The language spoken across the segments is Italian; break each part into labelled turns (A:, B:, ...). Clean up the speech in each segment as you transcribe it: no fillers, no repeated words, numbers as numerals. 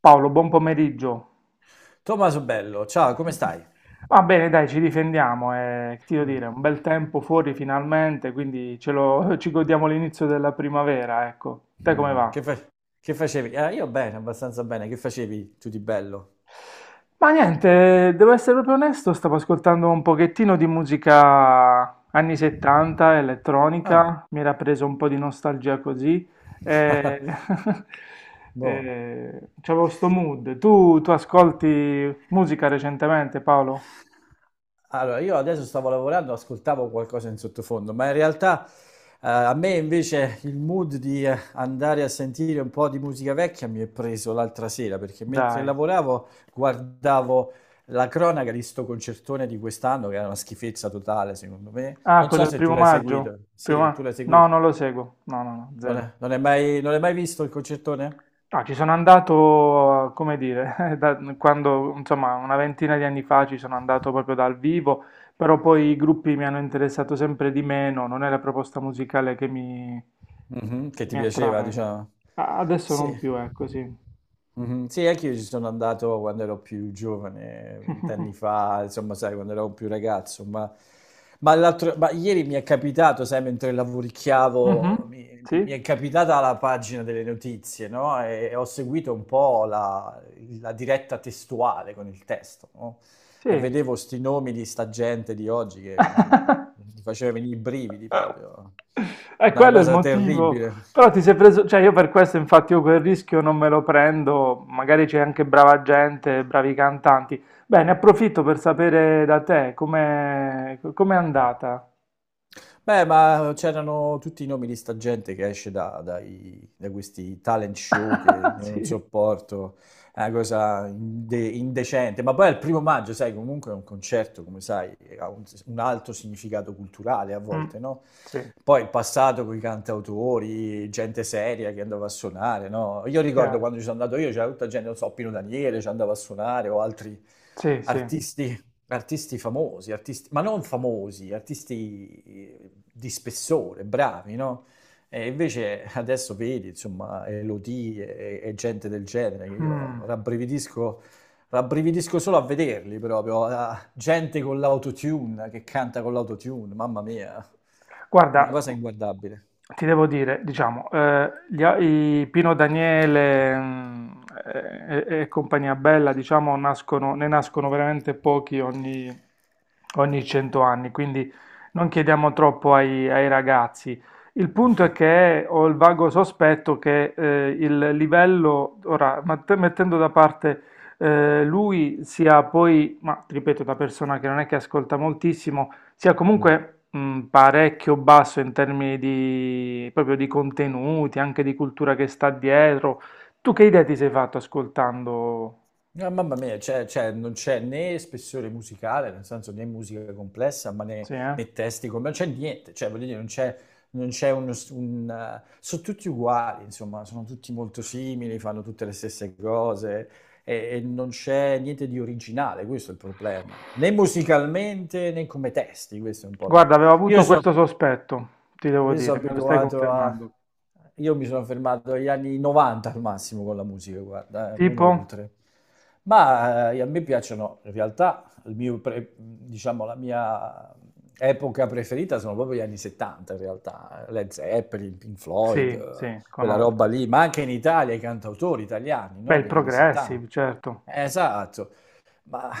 A: Paolo, buon pomeriggio.
B: Tommaso Bello, ciao, come stai?
A: Va bene, dai, ci difendiamo. Che ti devo dire, un bel tempo fuori finalmente, quindi ce lo, ci godiamo l'inizio della primavera, ecco. Te come
B: Mm,
A: va?
B: che, fa- che facevi? Io bene, abbastanza bene. Che facevi tu di bello?
A: Ma niente, devo essere proprio onesto, stavo ascoltando un pochettino di musica anni 70,
B: Ah,
A: elettronica, mi era preso un po' di nostalgia così. E...
B: buono.
A: e c'avevo sto mood. Tu ascolti musica recentemente, Paolo?
B: Allora, io adesso stavo lavorando, ascoltavo qualcosa in sottofondo, ma in realtà a me invece il mood di andare a sentire un po' di musica vecchia mi è preso l'altra sera, perché mentre
A: Dai.
B: lavoravo guardavo la cronaca di sto concertone di quest'anno, che era una schifezza totale, secondo me.
A: Ah,
B: Non
A: quello
B: so
A: del
B: se tu
A: primo
B: l'hai
A: maggio?
B: seguito. Sì, tu l'hai
A: No,
B: seguito.
A: non lo seguo. No, no, no, zero.
B: Non hai mai, non hai mai visto il concertone?
A: Ah, ci sono andato, come dire, quando, insomma, una ventina di anni fa ci sono andato proprio dal vivo, però poi i gruppi mi hanno interessato sempre di meno, non è la proposta musicale
B: Mhm. Che
A: che
B: ti
A: mi
B: piaceva,
A: attrae.
B: diciamo.
A: Adesso
B: Sì.
A: non più, è così.
B: Mhm. Sì, anche io ci sono andato quando ero più giovane, vent'anni fa, insomma, sai, quando ero più ragazzo, ma, ma ieri mi è capitato, sai, mentre lavoricchiavo,
A: Mhm.
B: mi
A: Sì?
B: è capitata la pagina delle notizie, no? E ho seguito un po' la, la diretta testuale con il testo, no? E
A: Sì.
B: vedevo sti nomi di sta gente di oggi che mi mi faceva venire i brividi
A: Eh,
B: proprio.
A: è
B: Una
A: quello è il
B: cosa
A: motivo.
B: terribile.
A: Però ti sei preso, cioè io per questo infatti io quel rischio non me lo prendo, magari c'è anche brava gente, bravi cantanti. Bene, approfitto per sapere da te com'è andata.
B: Beh, ma c'erano tutti i nomi di sta gente che esce da questi talent show che io non
A: Sì,
B: sopporto, è una cosa indecente. Ma poi al primo maggio, sai, comunque è un concerto, come sai, ha un alto significato culturale a
A: mm,
B: volte, no?
A: sì,
B: Poi il passato con i cantautori, gente seria che andava a suonare, no? Io ricordo
A: chiaro.
B: quando ci sono andato io, c'era tutta gente, non so, Pino Daniele ci andava a suonare o altri
A: Sì, sì.
B: artisti famosi, artisti, ma non famosi, artisti di spessore, bravi, no? E invece adesso vedi, insomma, Elodie e gente del genere, che io
A: Mm.
B: rabbrividisco, rabbrividisco solo a vederli proprio, a- gente con l'autotune, che canta con l'autotune, mamma mia,
A: Guarda,
B: una cosa inguardabile.
A: ti devo dire, diciamo, i Pino Daniele mm, e compagnia bella, diciamo, ne nascono veramente pochi ogni 100 anni, quindi non chiediamo troppo ai ragazzi. Il punto è che ho il vago sospetto che il livello, ora, mettendo da parte lui, sia poi, ma ti ripeto, da persona che non è che ascolta moltissimo, sia
B: Mm.
A: comunque parecchio basso in termini di, proprio di contenuti, anche di cultura che sta dietro. Tu che idea ti sei fatto ascoltando?
B: No, mamma mia, cioè, non c'è né spessore musicale, nel senso né musica complessa, ma
A: Sì, eh?
B: né testi, non c'è niente, cioè, voglio dire, non c'è, non c'è sono tutti uguali, insomma, sono tutti molto simili, fanno tutte le stesse cose e non c'è niente di originale, questo è il problema, né musicalmente né come testi, questo è un po'
A: Guarda,
B: la...
A: avevo
B: Io
A: avuto
B: so-
A: questo sospetto, ti devo
B: io sono
A: dire, me lo stai
B: abituato a...
A: confermando.
B: Io mi sono fermato agli anni 90 al massimo con la musica, guarda, non
A: Tipo?
B: oltre. Ma a me piacciono, in realtà, diciamo, la mia epoca preferita sono proprio gli anni 70, in realtà. Led Zeppelin, Pink Floyd,
A: Sì, sì,
B: quella roba
A: conosco.
B: lì, ma anche in Italia i cantautori italiani,
A: Beh,
B: no?
A: il
B: Degli anni 70.
A: Progressive, certo.
B: Esatto. Ma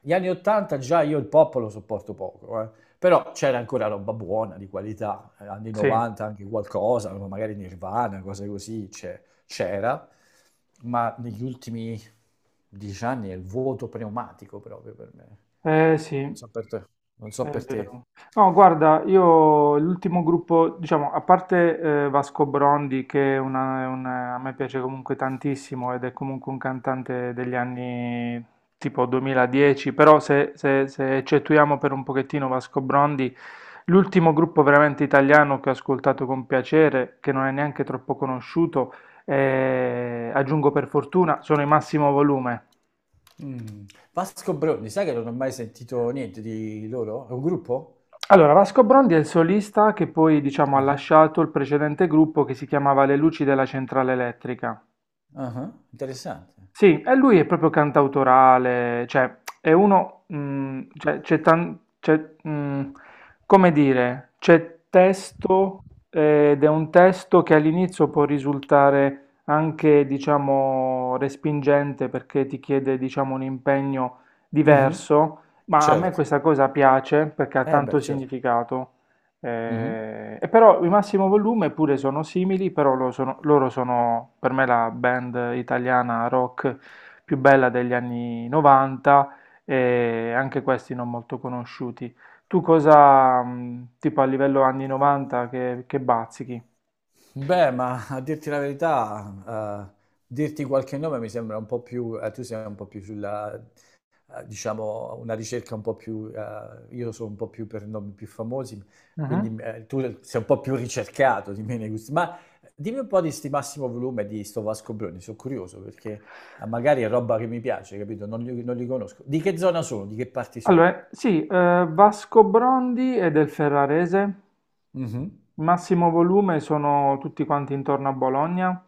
B: gli anni 80 già io il pop lo sopporto poco, eh. Però c'era ancora roba buona, di qualità, anni
A: Sì,
B: 90 anche qualcosa, magari Nirvana, cose così, c'era, ma negli ultimi 10 anni è il vuoto pneumatico proprio per me.
A: eh sì.
B: Non so per te. Non so
A: È
B: per te.
A: vero. No, guarda, io l'ultimo gruppo, diciamo, a parte Vasco Brondi, che a me piace comunque tantissimo ed è comunque un cantante degli anni tipo 2010, però se eccettuiamo per un pochettino Vasco Brondi, l'ultimo gruppo veramente italiano che ho ascoltato con piacere, che non è neanche troppo conosciuto, aggiungo per fortuna, sono i Massimo Volume.
B: Mm. Vasco Bronni, sai che non ho mai sentito niente di loro? È un gruppo?
A: Allora, Vasco Brondi è il solista che poi, diciamo, ha
B: Ah,
A: lasciato il precedente gruppo che si chiamava Le Luci della Centrale Elettrica.
B: ah, ah, interessante.
A: Sì, e lui è proprio cantautorale, cioè è uno, mm, cioè, c'è, mm, come dire, c'è testo ed è un testo che all'inizio può risultare anche, diciamo, respingente perché ti chiede, diciamo, un impegno
B: Mhm.
A: diverso, ma a me
B: Certo.
A: questa cosa piace perché ha
B: Eh
A: tanto
B: beh, certo.
A: significato.
B: Mhm.
A: E però i Massimo Volume pure sono simili, però loro sono per me la band italiana rock più bella degli anni 90 e anche questi non molto conosciuti. Tu cosa, tipo a livello anni 90, che bazzichi?
B: Beh, ma a dirti la verità, dirti qualche nome mi sembra un po' più, tu sei un po' più sulla, diciamo, una ricerca un po' più, io sono un po' più per nomi più famosi, quindi
A: Mhm.
B: tu sei un po' più ricercato di me nei gusti. Ma dimmi un po' di sti Massimo Volume e di sto Vasco Bruni, sono curioso perché magari è roba che mi piace, capito? Non li conosco. Di che zona sono? Di che parti sono?
A: Allora, sì, Vasco Brondi è del Ferrarese,
B: Mhm.
A: Massimo Volume sono tutti quanti intorno a Bologna.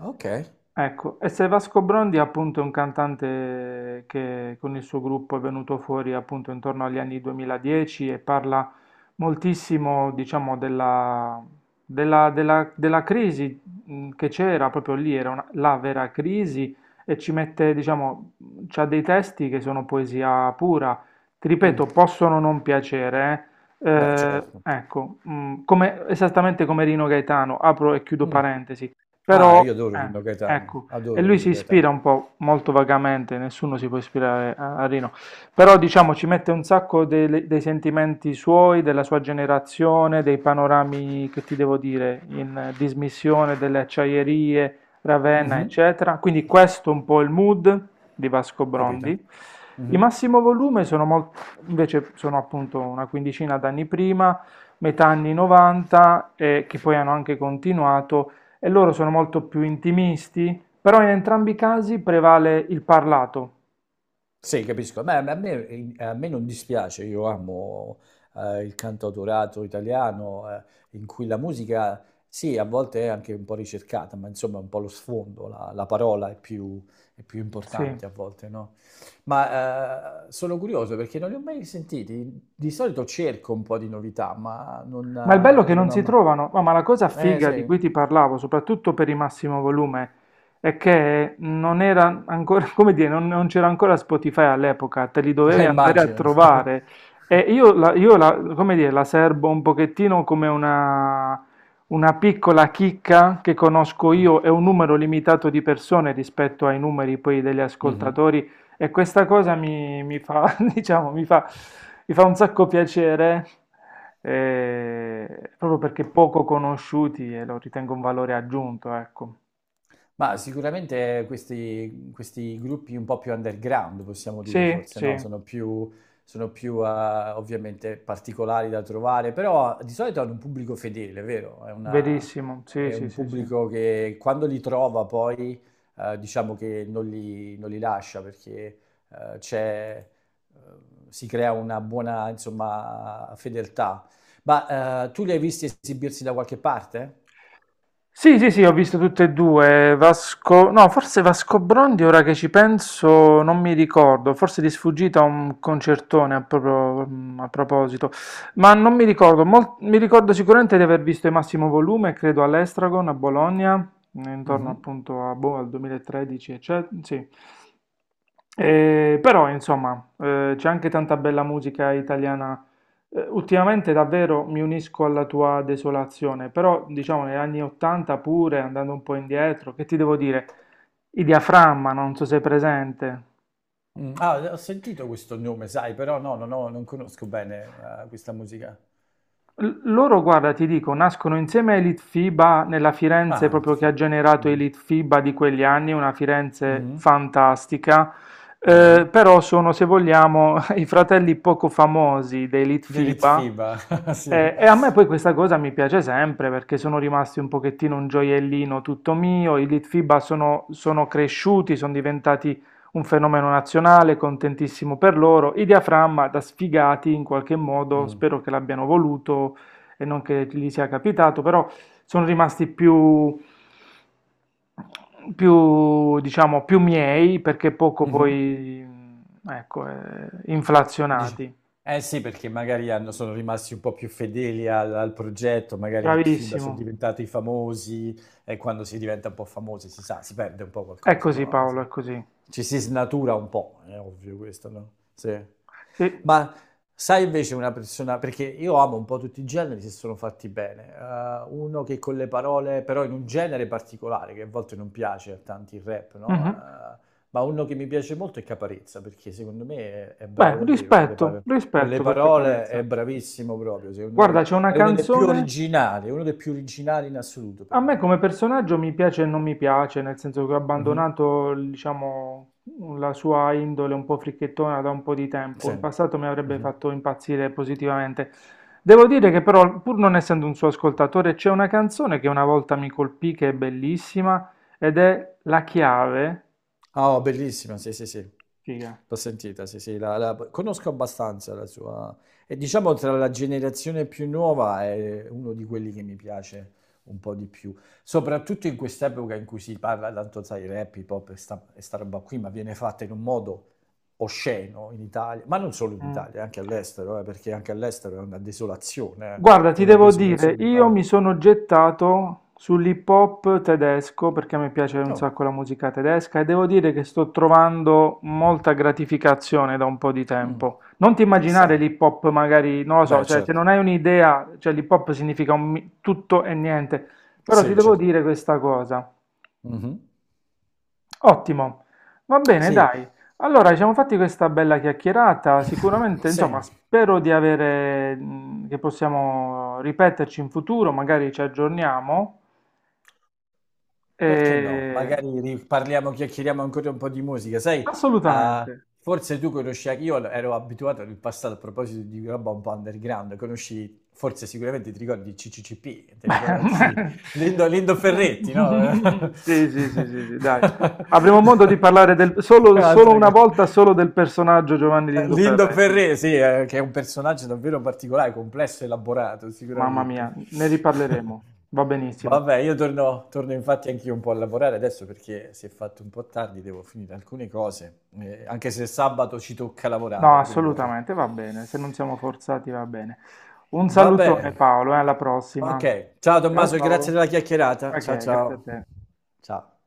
B: Ok.
A: Ecco, e se Vasco Brondi è appunto un cantante che con il suo gruppo è venuto fuori appunto intorno agli anni 2010 e parla moltissimo, diciamo, della crisi che c'era proprio lì, la vera crisi e ci mette, diciamo, c'ha dei testi che sono poesia pura, ti ripeto,
B: Mm.
A: possono non piacere,
B: Beh, certo.
A: ecco, esattamente come Rino Gaetano, apro e chiudo
B: Mm.
A: parentesi.
B: Ah,
A: Però,
B: io adoro Rino Gaetano,
A: ecco, e
B: adoro
A: lui
B: Rino
A: si ispira
B: Gaetano.
A: un po', molto vagamente, nessuno si può ispirare a Rino, però diciamo ci mette un sacco dei sentimenti suoi, della sua generazione, dei panorami, che ti devo dire, in dismissione delle acciaierie, Ravenna,
B: Mhm.
A: eccetera. Quindi questo è un po' il mood di Vasco
B: Capito?
A: Brondi. I
B: Mhm.
A: massimo volume sono mol- Invece sono appunto una quindicina d'anni prima, metà anni 90, e che poi hanno anche continuato e loro sono molto più intimisti, però in entrambi i casi prevale il parlato.
B: Sì, capisco. Beh, a me non dispiace, io amo il cantautorato italiano in cui la musica, sì, a volte è anche un po' ricercata, ma insomma è un po' lo sfondo, la parola è più
A: Sì.
B: importante a volte, no? Ma sono curioso perché non li ho mai sentiti. Di solito cerco un po' di novità, ma non,
A: Ma il bello è che
B: non
A: non
B: ho
A: si
B: mai...
A: trovano, ma la cosa
B: Eh
A: figa di
B: sì,
A: cui ti parlavo, soprattutto per il massimo volume, è che non era ancora, come dire, non c'era ancora Spotify all'epoca, te li dovevi andare a
B: immagino.
A: trovare. E come dire, la serbo un pochettino come una piccola chicca che conosco io e un numero limitato di persone rispetto ai numeri poi degli
B: Mhm.
A: ascoltatori. E questa cosa diciamo, mi fa un sacco piacere, proprio perché poco conosciuti e lo ritengo un valore aggiunto, ecco.
B: Ma sicuramente questi gruppi un po' più underground, possiamo dire
A: Sì,
B: forse,
A: sì,
B: no? Sono più ovviamente particolari da trovare, però di solito hanno un pubblico fedele, vero? È una-
A: verissimo, sì,
B: è
A: sì,
B: un
A: sì, sì.
B: pubblico che quando li trova poi diciamo che non li lascia perché eh, c'è, eh, si crea una buona insomma fedeltà. Ma tu li hai visti esibirsi da qualche parte?
A: Sì, sì, sì, ho visto tutte e due. Vasco, no, forse Vasco Brondi, ora che ci penso, non mi ricordo. Forse di sfuggita un concertone a, a proposito, ma non mi ricordo. Mi ricordo sicuramente di aver visto il massimo volume, credo all'Estragon a Bologna, intorno
B: Mhm.
A: appunto a, boh, al 2013, eccetera. Sì. Però, insomma, c'è anche tanta bella musica italiana ultimamente davvero mi unisco alla tua desolazione, però diciamo negli anni 80 pure, andando un po' indietro, che ti devo dire? I diaframma, non so se è presente.
B: Mm. Ah, ho sentito questo nome, sai, però no, no, no, non conosco bene questa musica.
A: Loro guarda ti dico, nascono insieme ai Litfiba nella Firenze
B: Ah,
A: proprio che
B: sì.
A: ha generato i
B: Mhm,
A: Litfiba di quegli anni, una Firenze
B: mhm,
A: fantastica,
B: mhm.
A: però sono se vogliamo i fratelli poco famosi dei
B: The
A: Litfiba.
B: Litfiba, sì.
A: E a me poi questa cosa mi piace sempre perché sono rimasti un pochettino un gioiellino tutto mio, i Litfiba sono cresciuti, sono diventati un fenomeno nazionale, contentissimo per loro. I diaframma da sfigati in qualche modo,
B: Mm,
A: spero che l'abbiano voluto e non che gli sia capitato, però sono rimasti diciamo, più miei perché poco
B: mhm.
A: poi, ecco,
B: E dice,
A: inflazionati.
B: eh sì, perché sono rimasti un po' più fedeli al, al progetto, magari il film sono
A: Bravissimo.
B: diventati famosi e quando si diventa un po' famosi si sa, si perde un po'
A: È
B: qualcosa,
A: così
B: no?
A: Paolo,
B: Insomma,
A: è così.
B: ci si snatura un po', è ovvio questo, no? Sì.
A: Sì.
B: Ma sai invece una persona, perché io amo un po' tutti i generi se sono fatti bene, uno che con le parole, però in un genere particolare, che a volte non piace a tanti il rap, no?
A: Mhm.
B: Ma uno che mi piace molto è Caparezza, perché secondo me è bravo
A: Beh,
B: davvero,
A: rispetto,
B: con le
A: rispetto perché
B: parole
A: parezza.
B: è bravissimo proprio, secondo
A: Guarda,
B: me
A: c'è una
B: è uno dei più
A: canzone.
B: originali, è uno dei più originali in assoluto
A: A
B: per
A: me
B: me.
A: come personaggio mi piace e non mi piace, nel senso che ho
B: Mhm.
A: abbandonato, diciamo, la sua indole un po' fricchettona da un po' di tempo.
B: Sì.
A: In passato mi avrebbe
B: Mhm.
A: fatto impazzire positivamente. Devo dire che però, pur non essendo un suo ascoltatore, c'è una canzone che una volta mi colpì, che è bellissima, ed è La Chiave.
B: Ah, oh, bellissima, sì, sì, sì.
A: Figa.
B: L'ho sentita, sì, sì, conosco abbastanza la sua... E diciamo tra la generazione più nuova è uno di quelli che mi piace un po' di più. Soprattutto in quest'epoca in cui si parla tanto, sai, rap, hip hop e sta roba qui, ma viene fatta in un modo osceno in Italia, ma non solo in
A: Mm.
B: Italia, anche all'estero, perché anche all'estero è
A: Guarda, ti
B: una
A: devo dire,
B: desolazione
A: io
B: totale.
A: mi sono gettato sull'hip hop tedesco perché mi piace un
B: Oh,
A: sacco la musica tedesca e devo dire che sto trovando molta gratificazione da un po' di
B: mm,
A: tempo. Non ti immaginare
B: interessante.
A: l'hip hop magari, non lo so,
B: Beh,
A: cioè se
B: certo.
A: non hai un'idea, cioè l'hip hop significa tutto e niente, però ti
B: Sì,
A: devo
B: certo.
A: dire questa cosa.
B: Mhm.
A: Ottimo, va bene,
B: Sì.
A: dai. Allora, ci siamo fatti questa bella chiacchierata. Sicuramente,
B: Sì,
A: insomma, spero di avere, che possiamo ripeterci in futuro, magari ci aggiorniamo.
B: perché no?
A: E...
B: Magari parliamo, chiacchieriamo ancora un po' di musica. Sai, ah,
A: Assolutamente.
B: forse tu conosci, anche- io ero abituato nel passato a proposito di roba un po' underground, conosci, forse sicuramente ti ricordi i CCCP, te li con- ti- Lindo, Lindo Ferretti, no?
A: Sì, sì, sì, sì, sì, dai. Avremo modo di parlare del, solo
B: Altra
A: una
B: cosa.
A: volta solo del personaggio Giovanni Lindo
B: Lindo
A: Ferretti.
B: Ferré, sì, che è un personaggio davvero particolare, complesso e elaborato,
A: Mamma
B: sicuramente.
A: mia, ne riparleremo. Va benissimo.
B: Vabbè, io torno, torno infatti anch'io un po' a lavorare adesso perché si è fatto un po' tardi, devo finire alcune cose, anche se sabato ci tocca
A: No,
B: lavorare, che vuoi.
A: assolutamente, va bene, se non siamo forzati va bene. Un
B: Va bene.
A: salutone Paolo, e alla prossima.
B: Ok, ciao
A: Ciao
B: Tommaso, e grazie
A: ciao.
B: della chiacchierata.
A: Ma
B: Ciao
A: che, grazie a
B: ciao.
A: te.
B: Ciao.